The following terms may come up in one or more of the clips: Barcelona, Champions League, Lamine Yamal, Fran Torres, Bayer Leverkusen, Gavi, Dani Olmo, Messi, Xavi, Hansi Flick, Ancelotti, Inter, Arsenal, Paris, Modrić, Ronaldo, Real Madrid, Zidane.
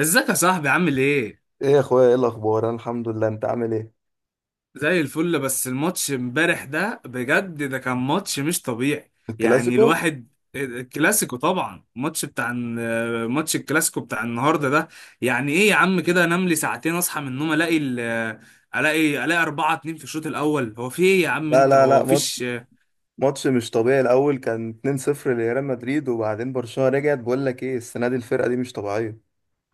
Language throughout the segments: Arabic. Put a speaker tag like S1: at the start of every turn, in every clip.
S1: ازيك يا صاحبي عامل ايه؟
S2: ايه يا اخويا، ايه الاخبار؟ انا الحمد لله، انت عامل ايه؟
S1: زي الفل. بس الماتش امبارح ده بجد، ده كان ماتش مش طبيعي. يعني
S2: الكلاسيكو.
S1: الواحد الكلاسيكو طبعا، ماتش الكلاسيكو بتاع النهارده ده. يعني ايه يا عم؟ كده انام لي ساعتين، اصحى من النوم الاقي الاقي 4 2 في الشوط الاول. هو في ايه يا عم؟
S2: لا
S1: انت
S2: لا
S1: هو
S2: لا،
S1: مفيش.
S2: ماتش مش طبيعي. الاول كان 2-0 لريال مدريد، وبعدين برشلونة رجعت. بقول لك ايه، السنة دي الفرقة دي مش طبيعية.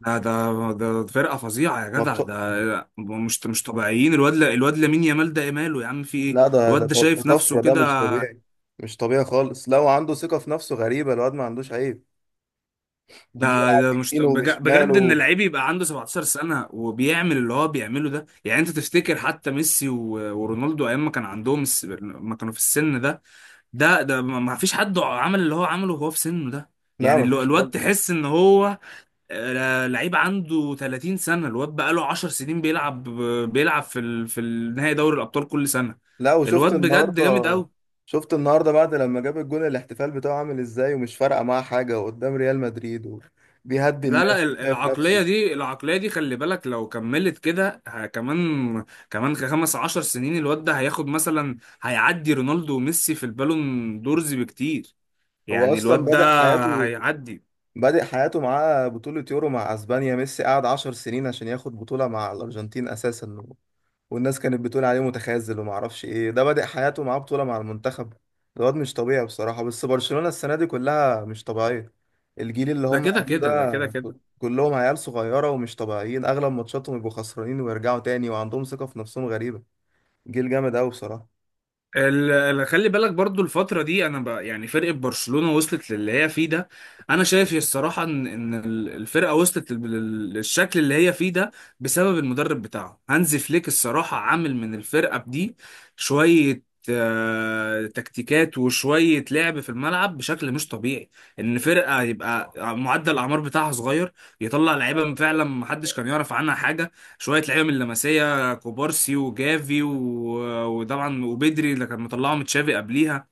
S1: ده فرقه فظيعه يا جدع،
S2: ماتش.
S1: ده مش طبيعيين. الواد لامين يامال ده ايه ماله يا عم؟ في ايه؟
S2: لا ده ده
S1: الواد ده
S2: ده
S1: شايف
S2: طفرة،
S1: نفسه
S2: ده مش
S1: كده.
S2: طبيعي. مش طبيعي خالص، لا وعنده ثقة في نفسه غريبة، الواد ما عندوش عيب.
S1: ده
S2: بيلعب
S1: ده مش
S2: بيمينه
S1: بجد ان
S2: وبشماله.
S1: اللعيب يبقى عنده 17 سنه وبيعمل اللي هو بيعمله ده. يعني انت تفتكر حتى ميسي و- ورونالدو ايام ما كان عندهم ما كانوا في السن ده؟ ده ما فيش حد عمل اللي هو عمله وهو في سنه ده.
S2: لا
S1: يعني
S2: مفيش
S1: الواد
S2: خالص.
S1: تحس ان هو لعيب عنده 30 سنه، الواد بقى له 10 سنين بيلعب في النهائي دوري الابطال كل سنه.
S2: لا، وشفت
S1: الواد بجد
S2: النهارده
S1: جامد قوي.
S2: شفت النهارده بعد لما جاب الجون الاحتفال بتاعه عامل ازاي، ومش فارقة معاه حاجة، وقدام ريال مدريد بيهدي
S1: لا
S2: الناس
S1: لا،
S2: وشايف نفسه.
S1: العقلية دي خلي بالك. لو كملت كده كمان 15 سنين، الواد ده هياخد مثلا، هيعدي رونالدو وميسي في البالون دورز بكتير.
S2: هو
S1: يعني
S2: اصلا
S1: الواد ده
S2: بدأ حياته
S1: هيعدي.
S2: بدأ حياته معاه بطولة يورو مع اسبانيا. ميسي قعد 10 سنين عشان ياخد بطولة مع الارجنتين اساسا، والناس كانت بتقول عليه متخاذل وما اعرفش ايه. ده بدأ حياته معاه بطولة مع المنتخب. الواد مش طبيعي بصراحة، بس برشلونة السنة دي كلها مش طبيعية. الجيل اللي
S1: ده
S2: هم
S1: كده
S2: عاملينه
S1: كده ده كده
S2: ده
S1: كده
S2: كلهم عيال صغيرة ومش طبيعيين، اغلب ماتشاتهم يبقوا خسرانين ويرجعوا تاني، وعندهم ثقة في نفسهم غريبة. جيل جامد قوي بصراحة.
S1: ال- خلي بالك برضو الفترة دي. أنا بقى يعني فرقة برشلونة وصلت للي هي فيه ده. أنا شايف الصراحة إن الفرقة وصلت للشكل اللي هي فيه ده بسبب المدرب بتاعه هانزي فليك. الصراحة عامل من الفرقة دي شوية تكتيكات، وشوية لعب في الملعب بشكل مش طبيعي. إن فرقة يبقى معدل الأعمار بتاعها صغير، يطلع لعيبة فعلا محدش كان يعرف عنها حاجة. شوية لعيبة من اللمسية، كوبارسي وجافي وطبعا وبدري، اللي كان مطلعه من تشافي قبليها.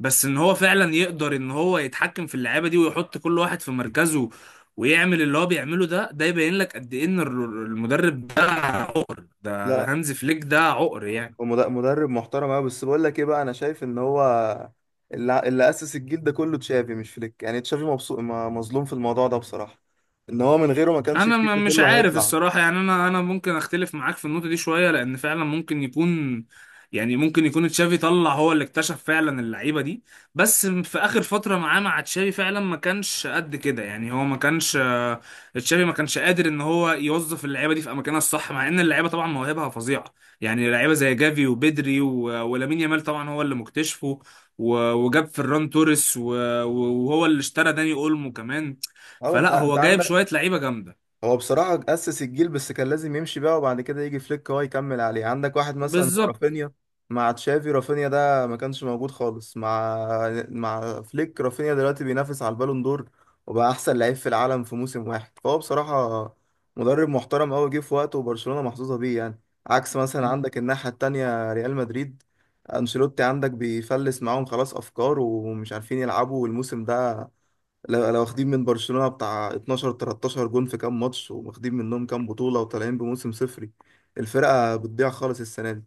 S1: بس ان هو فعلا يقدر ان هو يتحكم في اللعيبه دي، ويحط كل واحد في مركزه، ويعمل اللي هو بيعمله ده، ده يبين لك قد ايه ان المدرب ده عقر. ده
S2: لا،
S1: هانز فليك ده عقر يعني.
S2: ومد- مدرب محترم قوي، بس بقول لك ايه بقى، انا شايف ان هو اللي اسس الجيل ده كله تشافي مش فليك. يعني تشافي مبسوط، مظلوم في الموضوع ده بصراحة. ان هو من غيره ما كانش
S1: انا
S2: الجيل ده
S1: مش
S2: كله
S1: عارف
S2: هيطلع.
S1: الصراحه، يعني انا ممكن اختلف معاك في النقطه دي شويه، لان فعلا ممكن يكون، يعني ممكن يكون تشافي طلع هو اللي اكتشف فعلا اللعيبه دي. بس في اخر فتره معاه مع تشافي فعلا ما كانش قد كده، يعني هو ما كانش، تشافي ما كانش قادر ان هو يوظف اللعيبه دي في اماكنها الصح، مع ان اللعيبه طبعا مواهبها فظيعه. يعني لعيبه زي جافي وبدري ولامين يامال طبعا هو اللي مكتشفه، وجاب فران توريس، وهو اللي اشترى داني اولمو كمان.
S2: اه، انت
S1: فلا،
S2: انت
S1: هو جايب
S2: عندك
S1: شويه لعيبه جامده.
S2: هو بصراحة أسس الجيل، بس كان لازم يمشي بقى، وبعد كده يجي فليك هو يكمل عليه. عندك واحد مثلا زي
S1: بالظبط.
S2: رافينيا، مع تشافي رافينيا ده ما كانش موجود خالص، مع فليك رافينيا دلوقتي بينافس على البالون دور، وبقى أحسن لعيب في العالم في موسم واحد. فهو بصراحة مدرب محترم أوي، جه في وقته، وبرشلونة محظوظة بيه يعني. عكس مثلا عندك الناحية التانية ريال مدريد، أنشيلوتي عندك بيفلس معاهم، خلاص أفكار ومش عارفين يلعبوا، والموسم ده لو واخدين من برشلونة بتاع 12 13 جون في كام ماتش، وواخدين منهم كام بطولة، وطالعين بموسم صفري. الفرقة بتضيع خالص السنة دي.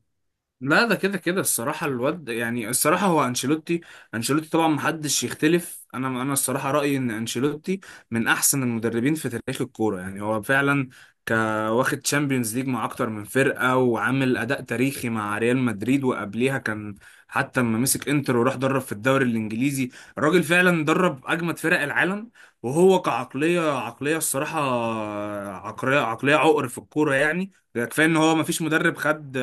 S1: لا، ده كده كده الصراحة، الواد يعني، الصراحة هو أنشيلوتي. أنشيلوتي طبعا محدش يختلف، أنا الصراحة رأيي إن أنشيلوتي من أحسن المدربين في تاريخ الكورة. يعني هو فعلا ك واخد تشامبيونز ليج مع أكتر من فرقة، وعامل أداء تاريخي مع ريال مدريد، وقبليها كان حتى لما مسك إنتر، وراح درب في الدوري الإنجليزي. الراجل فعلا درب أجمد فرق العالم. وهو كعقلية الصراحة، عقلية عقر في الكورة. يعني ده كفاية إن هو مفيش مدرب خد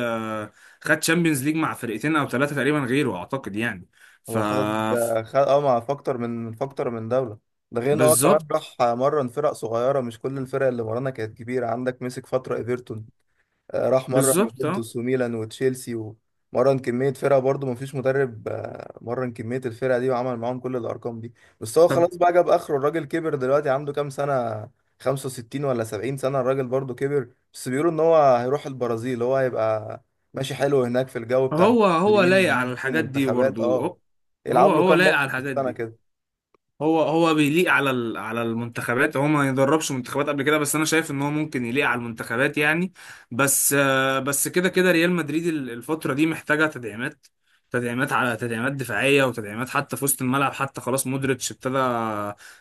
S1: خد تشامبيونز ليج مع فرقتين او ثلاثه تقريبا غيره، اعتقد يعني. ف
S2: هو خد،
S1: ف-
S2: مع فاكتور من فاكتور من دولة. ده غير ان هو كمان
S1: بالظبط.
S2: راح مرن فرق صغيرة، مش كل الفرق اللي مرنا كانت كبيرة، عندك مسك فترة ايفرتون، راح مرن
S1: بالظبط اه.
S2: يوفنتوس وميلان وتشيلسي، ومرن كمية فرقة. برضه مفيش مدرب مرن كمية الفرقة دي وعمل معاهم كل الأرقام دي. بس هو
S1: طب
S2: خلاص بقى جاب آخره، الراجل كبر، دلوقتي عنده كام سنة، 65 ولا 70 سنة، الراجل برضه كبر، بس بيقولوا إن هو هيروح البرازيل، هو هيبقى ماشي حلو هناك في الجو بتاع
S1: هو
S2: البرازيليين
S1: لايق
S2: والناس
S1: على
S2: دي
S1: الحاجات دي
S2: ومنتخبات
S1: برضه.
S2: اه
S1: هو
S2: يلعب له
S1: هو
S2: كام
S1: لايق على
S2: ماتش في
S1: الحاجات
S2: السنة
S1: دي.
S2: كده.
S1: هو بيليق على على المنتخبات، هو ما يدربش منتخبات قبل كده، بس انا شايف ان هو ممكن يليق على المنتخبات يعني. بس كده كده ريال مدريد الفترة دي محتاجة تدعيمات. تدعيمات على تدعيمات دفاعية، وتدعيمات حتى في وسط الملعب. حتى خلاص مودريتش ابتدى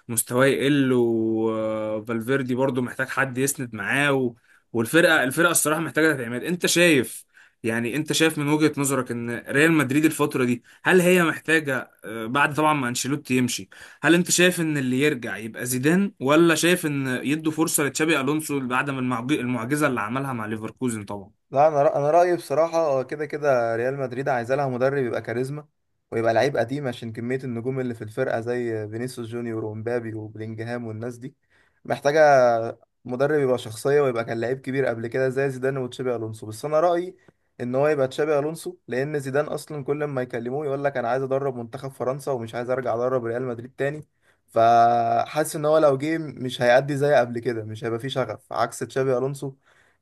S1: مستواه يقل، وفالفيردي برضو محتاج حد يسند معاه، والفرقة الصراحة محتاجة تدعيمات. انت شايف يعني؟ انت شايف من وجهة نظرك ان ريال مدريد الفترة دي هل هي محتاجة، بعد طبعا ما انشيلوتي يمشي، هل انت شايف ان اللي يرجع يبقى زيدان، ولا شايف ان يدوا فرصة لتشابي الونسو بعد ما المعجزة اللي عملها مع ليفركوزن طبعا؟
S2: لا، انا رايي بصراحه كده كده ريال مدريد عايزه لها مدرب يبقى كاريزما، ويبقى لعيب قديم، عشان كميه النجوم اللي في الفرقه زي فينيسيوس جونيور ومبابي وبلينجهام والناس دي، محتاجه مدرب يبقى شخصيه، ويبقى كان لعيب كبير قبل كده زي زيدان وتشابي الونسو. بس انا رايي ان هو يبقى تشابي الونسو، لان زيدان اصلا كل ما يكلموه يقول لك انا عايز ادرب منتخب فرنسا ومش عايز ارجع ادرب ريال مدريد تاني. فحاسس ان هو لو جه مش هيأدي زي قبل كده، مش هيبقى فيه شغف، عكس تشابي الونسو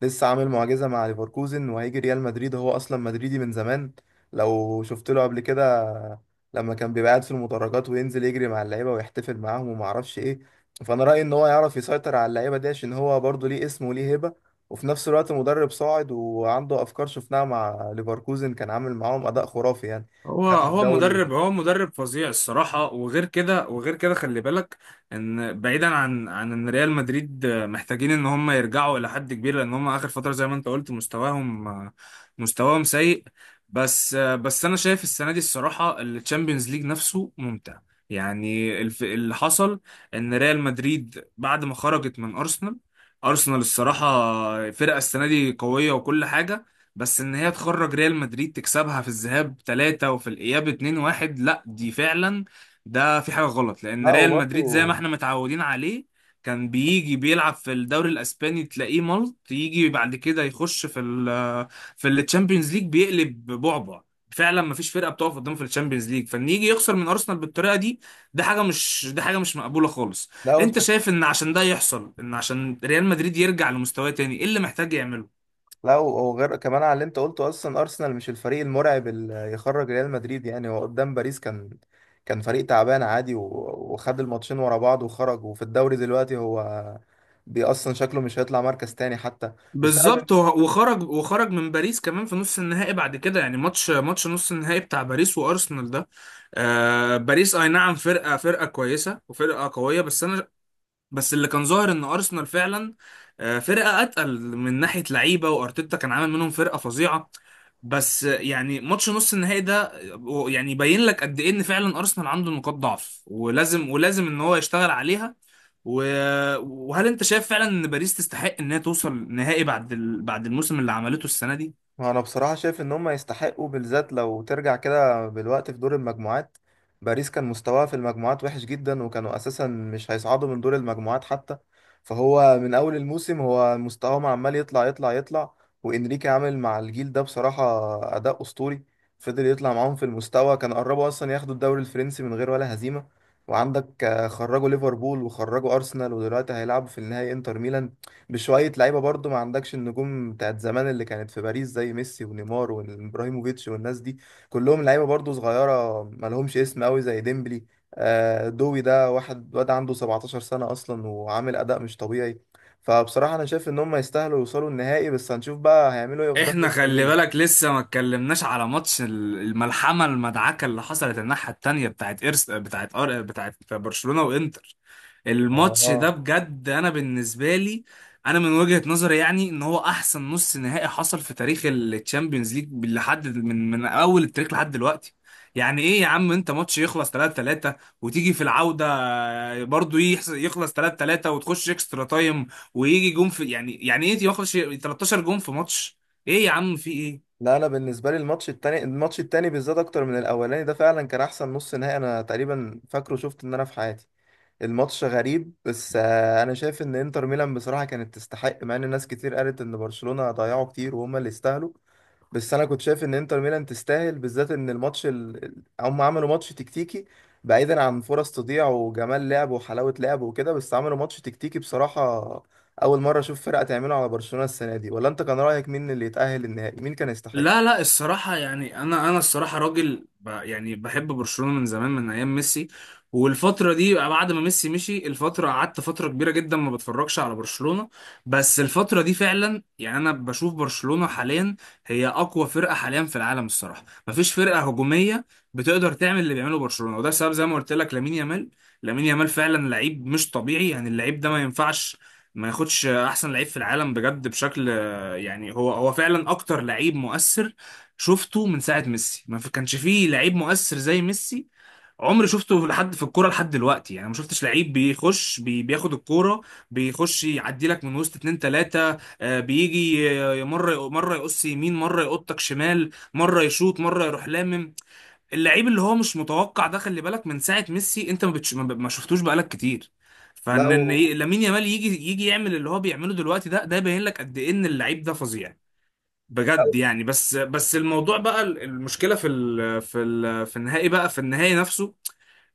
S2: لسه عامل معجزة مع ليفركوزن، وهيجي ريال مدريد هو أصلا مدريدي من زمان. لو شفت له قبل كده لما كان بيبقى قاعد في المدرجات وينزل يجري مع اللعيبة ويحتفل معاهم وما أعرفش إيه. فأنا رأيي إن هو يعرف يسيطر على اللعيبة دي، عشان هو برضه ليه اسم وليه هيبة، وفي نفس الوقت مدرب صاعد وعنده أفكار شفناها مع ليفركوزن، كان عامل معاهم أداء خرافي يعني.
S1: هو
S2: خد
S1: هو
S2: الدوري.
S1: مدرب هو مدرب فظيع الصراحة. وغير كده خلي بالك ان بعيدا عن ان ريال مدريد محتاجين ان هم يرجعوا الى حد كبير، لان هم اخر فترة زي ما انت قلت مستواهم سيء. بس انا شايف السنة دي الصراحة التشامبيونز ليج نفسه ممتع. يعني اللي حصل ان ريال مدريد بعد ما خرجت من ارسنال الصراحة فرقة السنة دي قوية وكل حاجة، بس ان هي تخرج ريال مدريد تكسبها في الذهاب 3 وفي الاياب 2-1، لا دي فعلا ده في حاجة غلط. لان
S2: لا
S1: ريال مدريد زي ما
S2: وبرضه.
S1: احنا متعودين عليه كان بيجي بيلعب في الدوري الاسباني تلاقيه ملط، يجي بعد كده يخش في التشامبيونز ليج بيقلب بعبع. فعلا ما فيش فرقه بتقف قدامه في الشامبيونز ليج، فان يجي يخسر من ارسنال بالطريقه دي، ده حاجه مش مقبوله خالص.
S2: لا
S1: انت شايف ان عشان ده يحصل، ان عشان ريال مدريد يرجع لمستواه تاني، ايه اللي محتاج يعمله؟
S2: لا، وغير كمان على اللي انت قلته، اصلا ارسنال مش الفريق المرعب اللي يخرج ريال مدريد. يعني هو قدام باريس كان كان فريق تعبان عادي، وخد الماتشين ورا بعض وخرج، وفي الدوري دلوقتي هو اصلا شكله مش هيطلع مركز تاني حتى. بس انا
S1: بالظبط. وخرج من باريس كمان في نص النهائي بعد كده، يعني ماتش نص النهائي بتاع باريس وارسنال ده. آه، باريس اي نعم فرقه كويسه وفرقه قويه، بس اللي كان ظاهر ان ارسنال فعلا فرقه اتقل من ناحيه لعيبه. وارتيتا كان عامل منهم فرقه فظيعه، بس يعني ماتش نص النهائي ده، يعني يبين لك قد ايه ان فعلا ارسنال عنده نقاط ضعف، ولازم ان هو يشتغل عليها. و... وهل انت شايف فعلا ان باريس تستحق انها توصل نهائي بعد بعد الموسم اللي عملته السنه دي؟
S2: انا بصراحه شايف ان هم يستحقوا، بالذات لو ترجع كده بالوقت في دور المجموعات، باريس كان مستواها في المجموعات وحش جدا، وكانوا اساسا مش هيصعدوا من دور المجموعات حتى. فهو من اول الموسم هو مستواهم عمال يطلع يطلع يطلع، وانريكي عامل مع الجيل ده بصراحه اداء اسطوري، فضل يطلع معاهم في المستوى، كان قربوا اصلا ياخدوا الدوري الفرنسي من غير ولا هزيمه. وعندك خرجوا ليفربول وخرجوا ارسنال، ودلوقتي هيلعبوا في النهائي انتر ميلان، بشوية لعيبة برضو، ما عندكش النجوم بتاعت زمان اللي كانت في باريس زي ميسي ونيمار وابراهيموفيتش والناس دي، كلهم لعيبة برضو صغيرة، ما لهمش اسم قوي، زي ديمبلي، دوي ده واحد واد عنده 17 سنة أصلا، وعامل أداء مش طبيعي. فبصراحة أنا شايف إن هم يستاهلوا يوصلوا النهائي، بس هنشوف بقى هيعملوا إيه قدام
S1: احنا
S2: إنتر
S1: خلي
S2: ميلان.
S1: بالك لسه ما اتكلمناش على ماتش الملحمه المدعكه اللي حصلت الناحيه التانيه بتاعت إرس... بتاعت أر... بتاعت برشلونه وانتر. الماتش ده
S2: آه.
S1: بجد انا بالنسبه لي، انا من وجهه نظري، يعني ان هو احسن نص نهائي حصل في تاريخ الشامبيونز ليج لحد من اول التاريخ لحد دلوقتي. يعني ايه يا عم؟ انت ماتش يخلص 3 3، وتيجي في العوده برضو يخلص 3 3، وتخش اكسترا تايم، ويجي جون، في يعني ايه يخلص 13 جون في ماتش؟ ايه يا عم؟ في ايه؟
S2: لا، أنا بالنسبة لي الماتش التاني، بالذات أكتر من الأولاني ده، فعلا كان أحسن نص نهائي أنا تقريبا فاكره شفت إن أنا في حياتي. الماتش غريب، بس انا شايف ان انتر ميلان بصراحه كانت تستحق، مع ان ناس كتير قالت ان برشلونه ضيعوا كتير وهم اللي يستاهلوا. بس انا كنت شايف ان انتر ميلان تستاهل، بالذات ان الماتش هم عملوا ماتش تكتيكي، بعيدا عن فرص تضيع وجمال لعب وحلاوه لعب وكده، بس عملوا ماتش تكتيكي بصراحه. اول مره اشوف فرقه تعمله على برشلونه السنه دي. ولا انت كان رايك مين اللي يتاهل النهائي؟ مين كان يستحق؟
S1: لا لا، الصراحة يعني أنا الصراحة راجل يعني بحب برشلونة من زمان من أيام ميسي. والفترة دي بعد ما ميسي مشي الفترة، قعدت فترة كبيرة جدا ما بتفرجش على برشلونة. بس الفترة دي فعلا يعني أنا بشوف برشلونة حاليا هي أقوى فرقة حاليا في العالم الصراحة. مفيش فرقة هجومية بتقدر تعمل اللي بيعمله برشلونة، وده سبب زي ما قلت لك لامين يامال فعلا لعيب مش طبيعي. يعني اللعيب ده ما ينفعش ما ياخدش أحسن لعيب في العالم بجد بشكل. يعني هو فعلا اكتر لعيب مؤثر شفته من ساعه ميسي. ما كانش فيه لعيب مؤثر زي ميسي عمري شفته لحد في الكوره لحد دلوقتي. يعني ما شفتش لعيب بيخش بياخد الكوره، بيخش يعدي لك من وسط اتنين تلاته، بيجي مره يقص يمين، مره يقطك شمال، مره يشوط، مره يروح. اللعيب اللي هو مش متوقع ده، خلي بالك من ساعه ميسي انت ما, بتش... ما ما شفتوش بقالك كتير.
S2: لا
S1: فان لامين يامال يجي يعمل اللي هو بيعمله دلوقتي، ده يبين لك قد ايه ان اللعيب ده فظيع بجد يعني. بس الموضوع بقى، المشكله في النهائي بقى، في النهائي نفسه،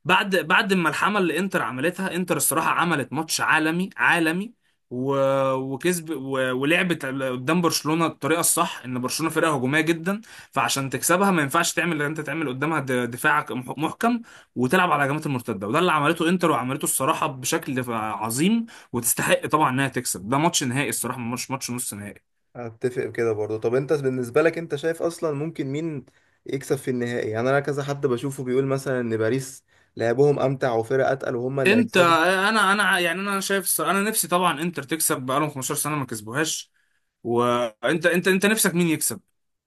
S1: بعد ما الحمل اللي انتر عملتها، انتر الصراحه عملت ماتش عالمي عالمي. و... وكسب، ولعبت قدام برشلونه الطريقه الصح. ان برشلونه فرقه هجوميه جدا، فعشان تكسبها ما ينفعش تعمل اللي انت تعمل قدامها دفاع محكم، وتلعب على هجمات المرتده. وده اللي عملته انتر، وعملته الصراحه بشكل عظيم. وتستحق طبعا انها تكسب. ده ماتش نهائي الصراحه مش ماتش نص نهائي.
S2: اتفق كده برضه. طب انت بالنسبه لك انت شايف اصلا ممكن مين يكسب في النهائي؟ يعني انا كذا حد بشوفه بيقول مثلا ان باريس لعبهم امتع وفرق اتقل وهم اللي
S1: انت
S2: هيكسبوا.
S1: انا انا يعني، انا شايف الصراحة انا نفسي طبعا انتر تكسب، بقالهم 15 سنه ما كسبوهاش. وانت انت انت نفسك مين يكسب؟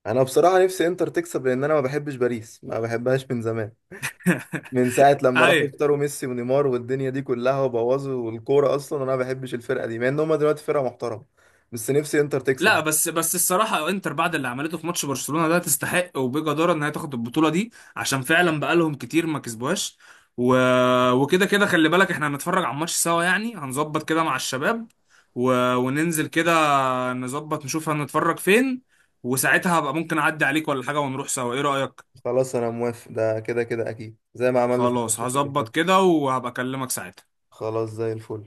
S2: انا بصراحه نفسي انتر تكسب، لان انا ما بحبش باريس، ما بحبهاش من زمان، من ساعه لما راحوا
S1: ايوه.
S2: اختاروا ميسي ونيمار والدنيا دي كلها وبوظوا الكوره. اصلا انا ما بحبش الفرقه دي، مع ان هم دلوقتي فرقه محترمه، بس نفسي انتر تكسب.
S1: لا، بس الصراحه انتر بعد اللي عملته في ماتش برشلونه ده، تستحق وبجداره ان هي تاخد البطوله دي، عشان فعلا بقالهم كتير ما كسبوهاش. و... وكده كده خلي بالك احنا هنتفرج على الماتش سوا، يعني هنظبط كده مع الشباب، وننزل كده نظبط نشوف هنتفرج فين. وساعتها هبقى ممكن اعدي عليك ولا حاجه، ونروح سوا. ايه رايك؟
S2: خلاص انا موافق، ده كده كده اكيد زي ما عملنا في
S1: خلاص
S2: الماتشات اللي
S1: هظبط
S2: فاتت.
S1: كده، وهبقى اكلمك ساعتها.
S2: خلاص زي الفل.